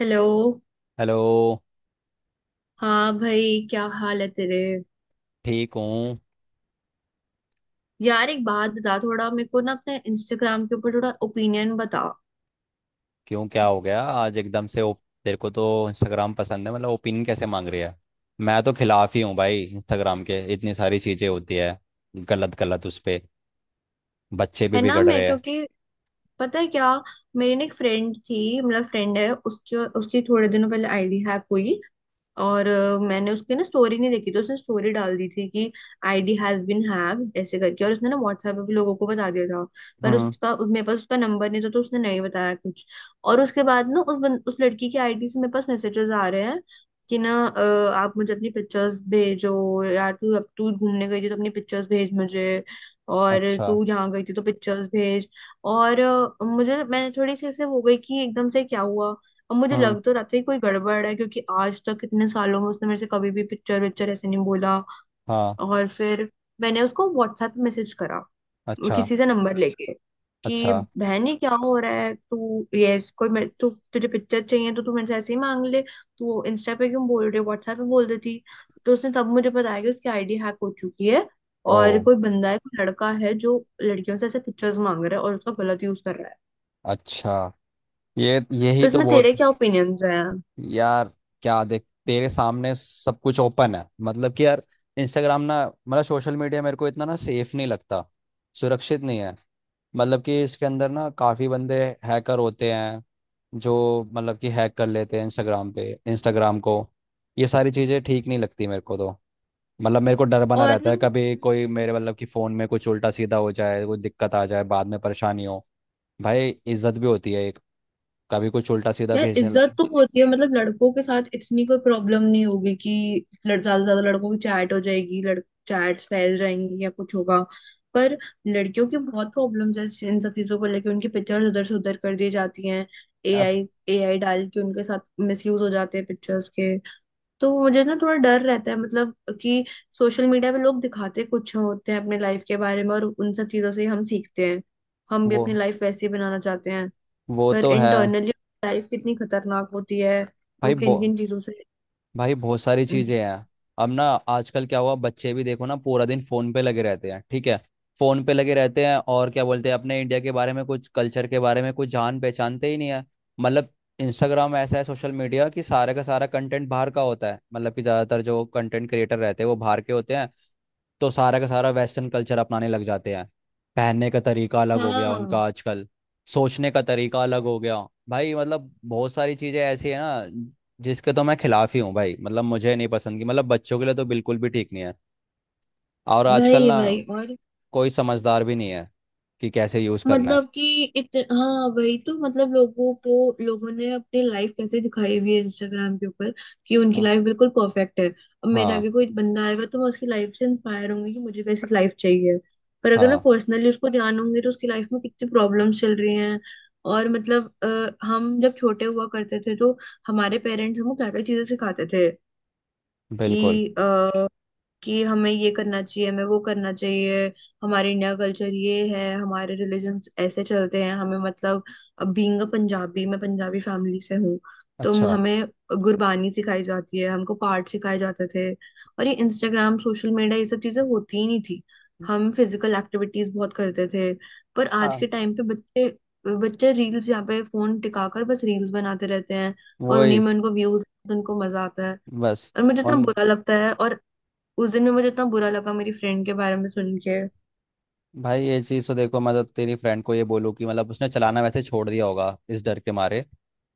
Hello. Hello. हाँ भाई, क्या हाल है तेरे? ठीक हूँ। यार एक बात बता, थोड़ा मेरे को ना अपने इंस्टाग्राम के ऊपर थोड़ा ओपिनियन बता। क्यों, क्या हो गया आज एकदम से? तेरे को तो इंस्टाग्राम पसंद है, मतलब ओपिनियन कैसे मांग रही है? मैं तो खिलाफ ही हूँ भाई इंस्टाग्राम के। इतनी सारी चीज़ें होती है गलत गलत उस पे। बच्चे भी है ना। बिगड़ मैं रहे हैं। क्योंकि पता है क्या, मेरी ना एक फ्रेंड थी, मतलब फ्रेंड है, उसके उसकी थोड़े दिनों पहले आईडी हैक हुई। और मैंने उसकी ना स्टोरी नहीं देखी, तो उसने स्टोरी डाल दी थी कि आईडी हैज बीन हैक्ड, ऐसे करके। और उसने ना व्हाट्सएप पे भी लोगों को बता दिया था, पर हम्म। उसका मेरे पास उसका नंबर नहीं था, तो उसने नहीं बताया कुछ। और उसके बाद ना उस लड़की की आईडी से मेरे पास मैसेजेस आ रहे हैं कि ना आप मुझे अपनी पिक्चर्स भेजो, यार तू अब तू घूमने गई थी तो अपनी पिक्चर्स भेज मुझे, और अच्छा। तू यहाँ गई थी तो पिक्चर्स भेज। और मुझे मैंने थोड़ी सी ऐसे हो गई कि एकदम से क्या हुआ। और मुझे हम्म। लग तो रहा था कि कोई गड़बड़ है, क्योंकि आज तक इतने सालों में उसने मेरे से कभी भी पिक्चर विक्चर ऐसे नहीं बोला। हाँ। और फिर मैंने उसको व्हाट्सएप पे मैसेज करा, वो अच्छा। किसी से नंबर अच्छा लेके, कि अच्छा। बहन ये क्या हो रहा है, तू यस कोई मेरे तू तुझे पिक्चर चाहिए तो तू मेरे से ऐसे ही मांग ले, तू इंस्टा पे क्यों बोल रही है, व्हाट्सएप पे बोल देती। तो उसने तब मुझे बताया कि उसकी आईडी हैक हो चुकी है, ओ। और कोई बंदा है, कोई लड़का है, जो लड़कियों से ऐसे पिक्चर्स मांग रहा है और उसका गलत यूज कर रहा है। अच्छा। ये तो यही तो इसमें बहुत। तेरे क्या ओपिनियंस हैं? यार क्या, देख तेरे सामने सब कुछ ओपन है, मतलब कि यार इंस्टाग्राम ना, मतलब सोशल मीडिया मेरे को इतना ना सेफ नहीं लगता। सुरक्षित नहीं है। मतलब कि इसके अंदर ना काफ़ी बंदे हैकर होते हैं जो मतलब कि हैक कर लेते हैं इंस्टाग्राम पे, इंस्टाग्राम को। ये सारी चीज़ें ठीक नहीं लगती मेरे को तो। मतलब मेरे को डर बना और रहता ना, है कभी कोई मेरे, मतलब कि फ़ोन में कुछ उल्टा सीधा हो जाए, कोई दिक्कत आ जाए, बाद में परेशानी हो। भाई इज्जत भी होती है एक। कभी कुछ उल्टा सीधा यार भेजने इज्जत लग। तो होती है, मतलब लड़कों के साथ इतनी कोई प्रॉब्लम नहीं होगी कि ज्यादा से ज्यादा लड़कों की चैट हो जाएगी, लड़ चैट्स फैल जाएंगी या कुछ होगा। पर लड़कियों की बहुत प्रॉब्लम्स है, इन सब चीजों को लेके उनकी पिक्चर्स उधर से उधर कर दी जाती हैं, अब एआई एआई डाल के उनके साथ मिसयूज हो जाते हैं पिक्चर्स के। तो मुझे ना थोड़ा डर रहता है, मतलब कि सोशल मीडिया पे लोग दिखाते कुछ होते हैं अपने लाइफ के बारे में, और उन सब चीजों से ही हम सीखते हैं, हम भी वो अपनी लाइफ वैसी बनाना चाहते हैं। वो पर तो है। इंटरनली लाइफ कितनी खतरनाक होती है, वो भाई बो किन किन चीजों से। भाई बहुत सारी हम्म, चीजें हैं। अब ना, आजकल क्या हुआ, बच्चे भी देखो ना पूरा दिन फोन पे लगे रहते हैं, ठीक है। फोन पे लगे रहते हैं और क्या बोलते हैं? अपने इंडिया के बारे में कुछ, कल्चर के बारे में कुछ जान पहचानते ही नहीं है। मतलब इंस्टाग्राम ऐसा है सोशल मीडिया कि सारे का सारा कंटेंट बाहर का होता है, मतलब कि ज्यादातर जो कंटेंट क्रिएटर रहते हैं वो बाहर के होते हैं। तो सारा का सारा वेस्टर्न कल्चर अपनाने लग जाते हैं। पहनने का तरीका अलग हो गया उनका हाँ आजकल। सोचने का तरीका अलग हो गया। भाई मतलब बहुत सारी चीज़ें ऐसी है ना, जिसके तो मैं खिलाफ ही हूँ भाई। मतलब मुझे नहीं पसंद की, मतलब बच्चों के लिए तो बिल्कुल भी ठीक नहीं है। और आजकल वही ना वही। और कोई समझदार भी नहीं है कि कैसे यूज़ करना है। मतलब कि हाँ वही तो, मतलब लोगों को, लोगों ने अपनी लाइफ कैसे दिखाई हुई है इंस्टाग्राम के ऊपर, कि उनकी हाँ लाइफ बिल्कुल परफेक्ट है। अब मेरे हाँ आगे कोई बंदा आएगा तो मैं उसकी लाइफ से इंस्पायर होंगी कि मुझे कैसी लाइफ चाहिए। पर अगर मैं हाँ, पर्सनली उसको जानूंगी तो उसकी लाइफ में कितनी प्रॉब्लम्स चल रही हैं। और मतलब हम जब छोटे हुआ करते थे तो हमारे पेरेंट्स हमको क्या क्या चीजें सिखाते थे बिल्कुल। कि कि हमें ये करना चाहिए, हमें वो करना चाहिए, हमारे इंडिया कल्चर ये है, हमारे रिलीजन ऐसे चलते हैं, हमें मतलब बीइंग अ पंजाबी, मैं पंजाबी फैमिली से हूँ, तो अच्छा। हमें गुरबानी सिखाई जाती है, हमको पाठ सिखाए जाते थे। और ये इंस्टाग्राम, सोशल मीडिया, ये सब चीजें होती ही नहीं थी। हम फिजिकल एक्टिविटीज बहुत करते थे। पर आज हाँ। के टाइम पे बच्चे, बच्चे रील्स यहाँ पे फोन टिकाकर बस रील्स बनाते रहते हैं, और उन्हीं वही। में उनको व्यूज, उनको मजा आता है। बस। और मुझे इतना उन बुरा लगता है, और उस दिन में मुझे इतना बुरा लगा मेरी फ्रेंड के बारे में सुन के। भाई ये चीज़ तो देखो, मैं तो तेरी फ्रेंड को ये बोलूँ कि मतलब उसने चलाना वैसे छोड़ दिया होगा इस डर के मारे।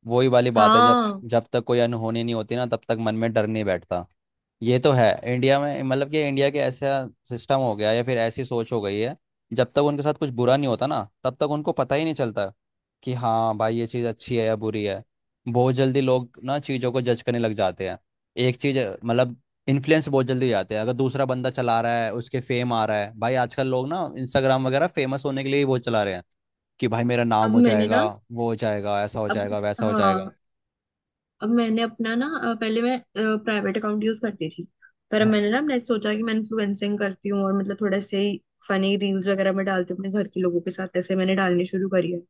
वही वाली बात है, जब हाँ। जब तक कोई अनहोनी नहीं होती ना तब तक मन में डर नहीं बैठता। ये तो है इंडिया में, मतलब कि इंडिया के ऐसा सिस्टम हो गया, या फिर ऐसी सोच हो गई है। जब तक उनके साथ कुछ बुरा नहीं होता ना, तब तक उनको पता ही नहीं चलता कि हाँ भाई ये चीज़ अच्छी है या बुरी है। बहुत जल्दी लोग ना चीज़ों को जज करने लग जाते हैं। एक चीज़, मतलब इन्फ्लुएंस बहुत जल्दी हो जाते हैं। अगर दूसरा बंदा चला रहा है उसके फेम आ रहा है, भाई आजकल लोग ना इंस्टाग्राम वगैरह फेमस होने के लिए ही बहुत चला रहे हैं कि भाई मेरा नाम अब हो मैंने जाएगा, ना, वो हो जाएगा, ऐसा हो अब, जाएगा, वैसा हो जाएगा। हाँ, अब मैंने अपना ना पहले मैं प्राइवेट अकाउंट यूज करती थी। पर अब हाँ। मैंने सोचा कि मैं इन्फ्लुएंसिंग करती हूँ, और मतलब थोड़ा से ही फनी रील्स वगैरह मैं डालती हूँ अपने घर के लोगों के साथ, ऐसे मैंने डालनी शुरू करी है।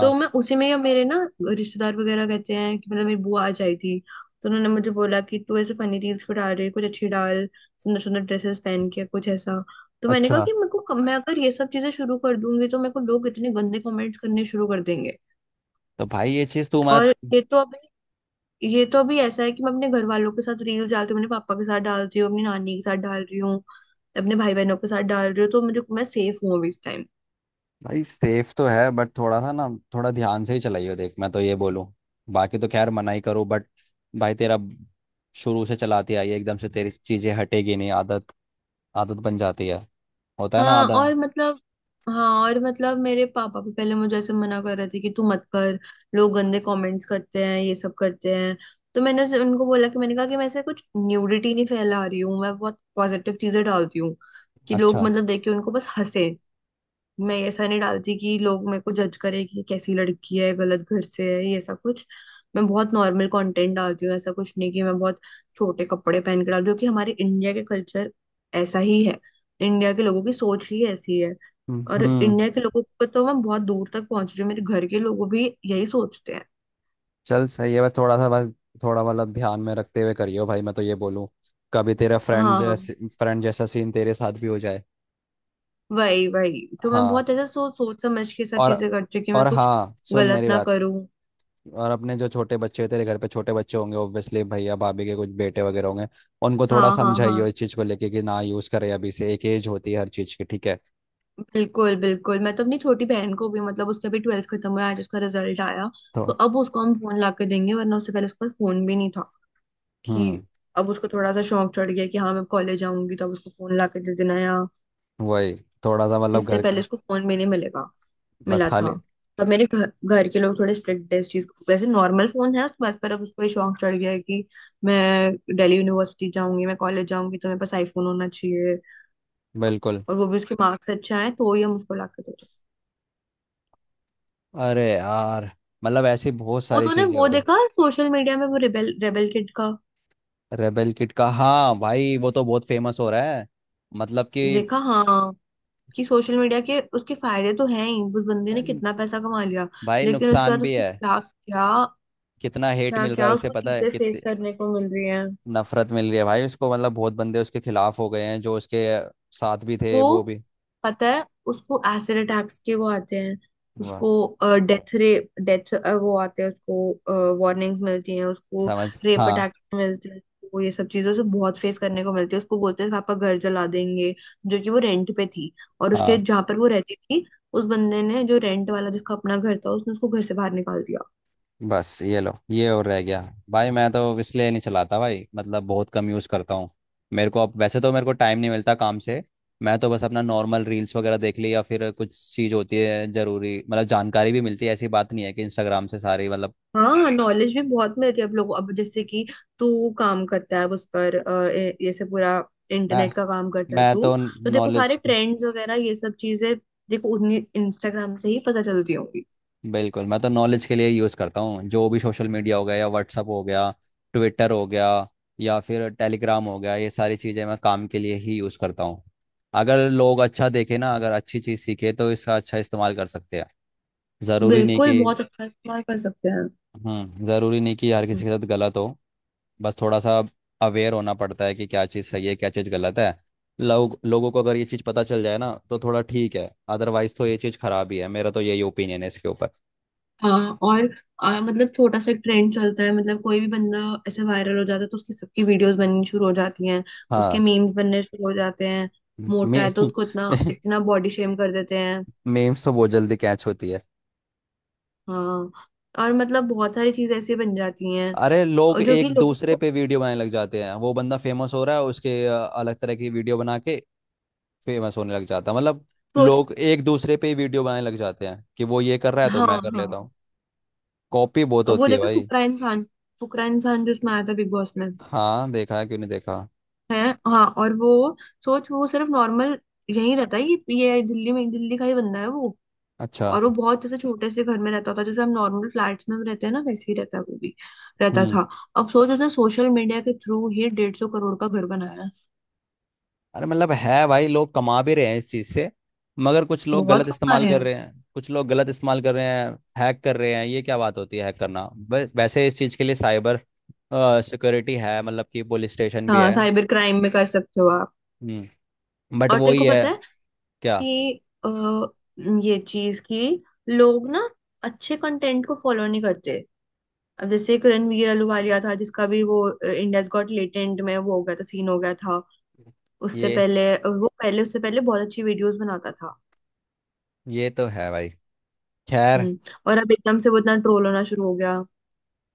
तो मैं उसी में, या मेरे ना रिश्तेदार वगैरह कहते हैं कि, मतलब मेरी बुआ आ जाई थी तो उन्होंने मुझे बोला कि तू ऐसे फनी रील्स क्यों डाल रही है, कुछ अच्छी डाल, सुंदर सुंदर ड्रेसेस पहन के कुछ ऐसा। तो मैंने कहा अच्छा। कि मेरे को, मैं अगर ये सब चीजें शुरू कर दूंगी तो मेरे को लोग इतने गंदे कमेंट्स करने शुरू कर देंगे। तो भाई ये चीज़ तू, और मतलब ये तो अभी ऐसा है कि मैं अपने घर वालों के साथ रील्स डालती हूँ, अपने पापा के साथ डालती हूँ, अपनी नानी के साथ डाल रही हूँ, अपने भाई बहनों के साथ डाल रही हूँ, तो मुझे, मैं सेफ हूँ अभी इस। भाई सेफ तो है बट थोड़ा सा ना, थोड़ा ध्यान से ही चलाइयो, देख मैं तो ये बोलूँ। बाकी तो खैर मना ही करो बट भाई तेरा, शुरू से चलाती आई है, एकदम से तेरी चीज़ें हटेगी नहीं, आदत। आदत बन जाती है, होता है ना हाँ आदत। और मतलब हाँ और मतलब मेरे पापा भी पहले मुझे ऐसे मना कर रहे थे कि तू मत कर, लोग गंदे कमेंट्स करते हैं, ये सब करते हैं। तो मैंने उनको बोला कि, मैंने कहा कि मैं ऐसे कुछ न्यूडिटी नहीं फैला रही हूँ, मैं बहुत पॉजिटिव चीजें डालती हूँ कि लोग अच्छा। मतलब देख के उनको बस हंसे। मैं ऐसा नहीं डालती कि लोग मेरे को जज करें कि कैसी लड़की है, गलत घर से है, ये ऐसा कुछ। मैं बहुत नॉर्मल कंटेंट डालती हूँ, ऐसा कुछ नहीं कि मैं बहुत छोटे कपड़े पहन के डाल, जो कि हमारे इंडिया के कल्चर ऐसा ही है, इंडिया के लोगों की सोच ही ऐसी है। और हम्म। इंडिया के लोगों को तो मैं बहुत दूर तक पहुंच रही हूँ, मेरे घर के लोगों भी यही सोचते हैं। चल सही है, बस थोड़ा सा, बस थोड़ा मतलब ध्यान में रखते हुए करियो भाई, मैं तो ये बोलूँ। कभी तेरा फ्रेंड हाँ हाँ, जैसे, फ्रेंड जैसा सीन तेरे साथ भी हो जाए। वही वही तो मैं हाँ। बहुत ऐसा सोच सोच समझ के सब और चीजें करती हूँ कि मैं और कुछ हाँ, सुन गलत मेरी ना बात। करूँ। और अपने जो छोटे बच्चे, तेरे घर पे छोटे बच्चे होंगे ऑब्वियसली, भैया भाभी के कुछ बेटे वगैरह होंगे, उनको थोड़ा हाँ हाँ समझाइयो हाँ, इस चीज़ को लेके कि ना यूज़ करे अभी से। एक एज होती है हर चीज़ की, ठीक है। बिल्कुल बिल्कुल। मैं तो अपनी छोटी बहन को भी, मतलब उसका भी ट्वेल्थ खत्म हुआ, आज उसका रिजल्ट आया, तो तो अब उसको हम फोन ला के देंगे, वरना उससे पहले उसके पास फोन भी नहीं था। कि हम्म। अब उसको थोड़ा सा शौक चढ़ गया कि हाँ मैं कॉलेज आऊंगी, तो अब उसको फोन ला के दे देना या। वही। थोड़ा सा मतलब इससे घर। पहले उसको फोन भी नहीं मिलेगा, बस मिला खाली। था। तो मेरे घर घर के लोग थोड़े स्ट्रिक्ट है इस चीज को। वैसे नॉर्मल फोन है उसके पास, पर अब उसको ये शौक चढ़ गया है कि मैं दिल्ली यूनिवर्सिटी जाऊंगी, मैं कॉलेज जाऊंगी, तो मेरे पास आईफोन होना चाहिए। बिल्कुल। और वो भी उसके मार्क्स अच्छे आए तो ही हम उसको ला के देंगे। अरे यार, मतलब ऐसी बहुत वो सारी तूने चीज़ें हो वो रही। देखा सोशल मीडिया में वो रेबेल रेबेल किड का? रेबेल किट का, हाँ भाई वो तो बहुत फेमस हो रहा है, मतलब कि। देखा, हाँ। कि सोशल मीडिया के उसके फायदे तो हैं ही, उस बंदे ने अन- कितना पैसा कमा लिया। भाई लेकिन उसके नुकसान बाद भी उसको है। क्या क्या, कितना हेट क्या मिल रहा क्या है उसे, उसको पता है? चीजें फेस कितनी करने को मिल रही हैं नफरत मिल रही है भाई उसको। मतलब बहुत बंदे उसके खिलाफ हो गए हैं, जो उसके साथ भी थे उसको, वो भी। पता है उसको एसिड अटैक्स के वो आते हैं, वाह। उसको डेथ रे डेथ, वो आते हैं उसको, वार्निंग्स मिलती हैं उसको, समझ। रेप हाँ। अटैक्स मिलते हैं उसको, ये सब चीजों से बहुत फेस करने को मिलती है। उसको बोलते हैं पापा घर जला देंगे, जो कि वो रेंट पे थी, और उसके हाँ। जहाँ पर वो रहती थी, उस बंदे ने जो रेंट वाला, जिसका अपना घर था, उसने उसको घर से बाहर निकाल दिया। बस ये लो, ये और रह गया। भाई मैं तो इसलिए नहीं चलाता भाई, मतलब बहुत कम यूज़ करता हूँ। मेरे को अब वैसे तो मेरे को टाइम नहीं मिलता काम से। मैं तो बस अपना नॉर्मल रील्स वगैरह देख ली, या फिर कुछ चीज़ होती है ज़रूरी, मतलब जानकारी भी मिलती है, ऐसी बात नहीं है कि इंस्टाग्राम से सारी, मतलब। हाँ, नॉलेज भी बहुत मिलती है, अब लोगों, अब जैसे कि तू काम करता है उस पर, ये सब पूरा मैं इंटरनेट का काम करता है मैं तू। तो तो देखो नॉलेज। सारे ट्रेंड्स वगैरह ये सब चीजें, देखो उन्हीं इंस्टाग्राम से ही पता चलती होंगी। बिल्कुल, मैं तो नॉलेज के लिए यूज़ करता हूँ, जो भी सोशल मीडिया हो गया या व्हाट्सअप हो गया, ट्विटर हो गया, या फिर टेलीग्राम हो गया, ये सारी चीज़ें मैं काम के लिए ही यूज़ करता हूँ। अगर लोग अच्छा देखे ना, अगर अच्छी चीज़ सीखे, तो इसका अच्छा इस्तेमाल कर सकते हैं। ज़रूरी नहीं बिल्कुल, कि। बहुत अच्छा इस्तेमाल कर सकते हैं। हम्म। ज़रूरी नहीं कि हर किसी के साथ गलत हो। बस थोड़ा सा अवेयर होना पड़ता है कि क्या चीज़ सही है क्या चीज़ गलत है। लोग, लोगों को अगर ये चीज़ पता चल जाए ना तो थोड़ा ठीक है। अदरवाइज़ तो ये चीज़ खराब ही है, मेरा तो यही ओपिनियन है इसके ऊपर। हाँ, और मतलब छोटा सा ट्रेंड चलता है, मतलब कोई भी बंदा ऐसे वायरल हो जाता है, तो उसकी सबकी वीडियोस बननी शुरू हो जाती हैं, उसके हाँ। मीम्स बनने शुरू हो जाते हैं, मे मोटा है तो उसको इतना इतना बॉडी शेम कर देते हैं। मीम्स तो बहुत जल्दी कैच होती है। हाँ, और मतलब बहुत सारी चीजें ऐसी बन जाती हैं, अरे लोग और जो कि एक लोग दूसरे को। पे वीडियो बनाने लग जाते हैं। वो बंदा फेमस हो रहा है उसके अलग तरह की वीडियो बना के फेमस होने लग जाता है, मतलब सोच। लोग एक दूसरे पे ही वीडियो बनाने लग जाते हैं कि वो ये कर रहा है तो हाँ मैं कर लेता हाँ। हूँ। कॉपी बहुत अब वो होती है देखा भाई। फुकरा इंसान, जो उसमें आया था बिग बॉस में। हाँ, देखा है, क्यों नहीं देखा। है। हाँ। और वो, सोच, वो सिर्फ नॉर्मल यहीं रहता है, ये दिल्ली में, दिल्ली का ही बंदा है वो। अच्छा। और वो बहुत जैसे छोटे से घर में रहता होता है, जैसे हम नॉर्मल फ्लैट्स में रहते हैं ना, वैसे ही रहता है वो भी, रहता हम्म। था। अब सोच, उसने सोशल मीडिया के थ्रू ही 150 करोड़ का घर बनाया है। अरे मतलब है भाई, लोग कमा भी रहे हैं इस चीज से, मगर कुछ लोग बहुत गलत कमा इस्तेमाल रहे कर हैं। रहे हैं, कुछ लोग गलत इस्तेमाल कर रहे हैं। हैक कर रहे हैं, ये क्या बात होती है, हैक करना। वैसे इस चीज के लिए साइबर सिक्योरिटी है, मतलब कि पुलिस स्टेशन भी हाँ है। साइबर क्राइम में कर सकते हो आप। हम्म। बट और वो तेरे ही को है। पता है क्या? कि, ये चीज कि लोग ना अच्छे कंटेंट को फॉलो नहीं करते। अब जैसे एक रणवीर अहलूवालिया था, जिसका भी वो इंडियाज गॉट लेटेंट में वो हो गया था, सीन हो गया था। उससे ये पहले वो पहले उससे पहले बहुत अच्छी वीडियोस बनाता था। ये तो है भाई, खैर। हम्म, और अब एकदम से वो इतना ट्रोल होना शुरू हो गया।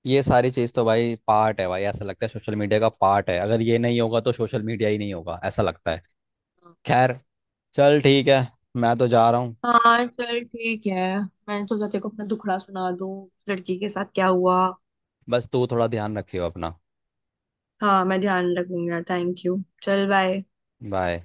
ये सारी चीज तो भाई पार्ट है भाई, ऐसा लगता है सोशल मीडिया का पार्ट है, अगर ये नहीं होगा तो सोशल मीडिया ही नहीं होगा ऐसा लगता है। खैर, चल ठीक है, मैं तो जा रहा हूँ। हाँ चल ठीक है। मैंने सोचा तेरे को अपना दुखड़ा सुना दूं, उस लड़की के साथ क्या हुआ। बस तू थोड़ा ध्यान रखियो अपना। हाँ मैं ध्यान रखूंगी यार, थैंक यू, चल बाय। बाय।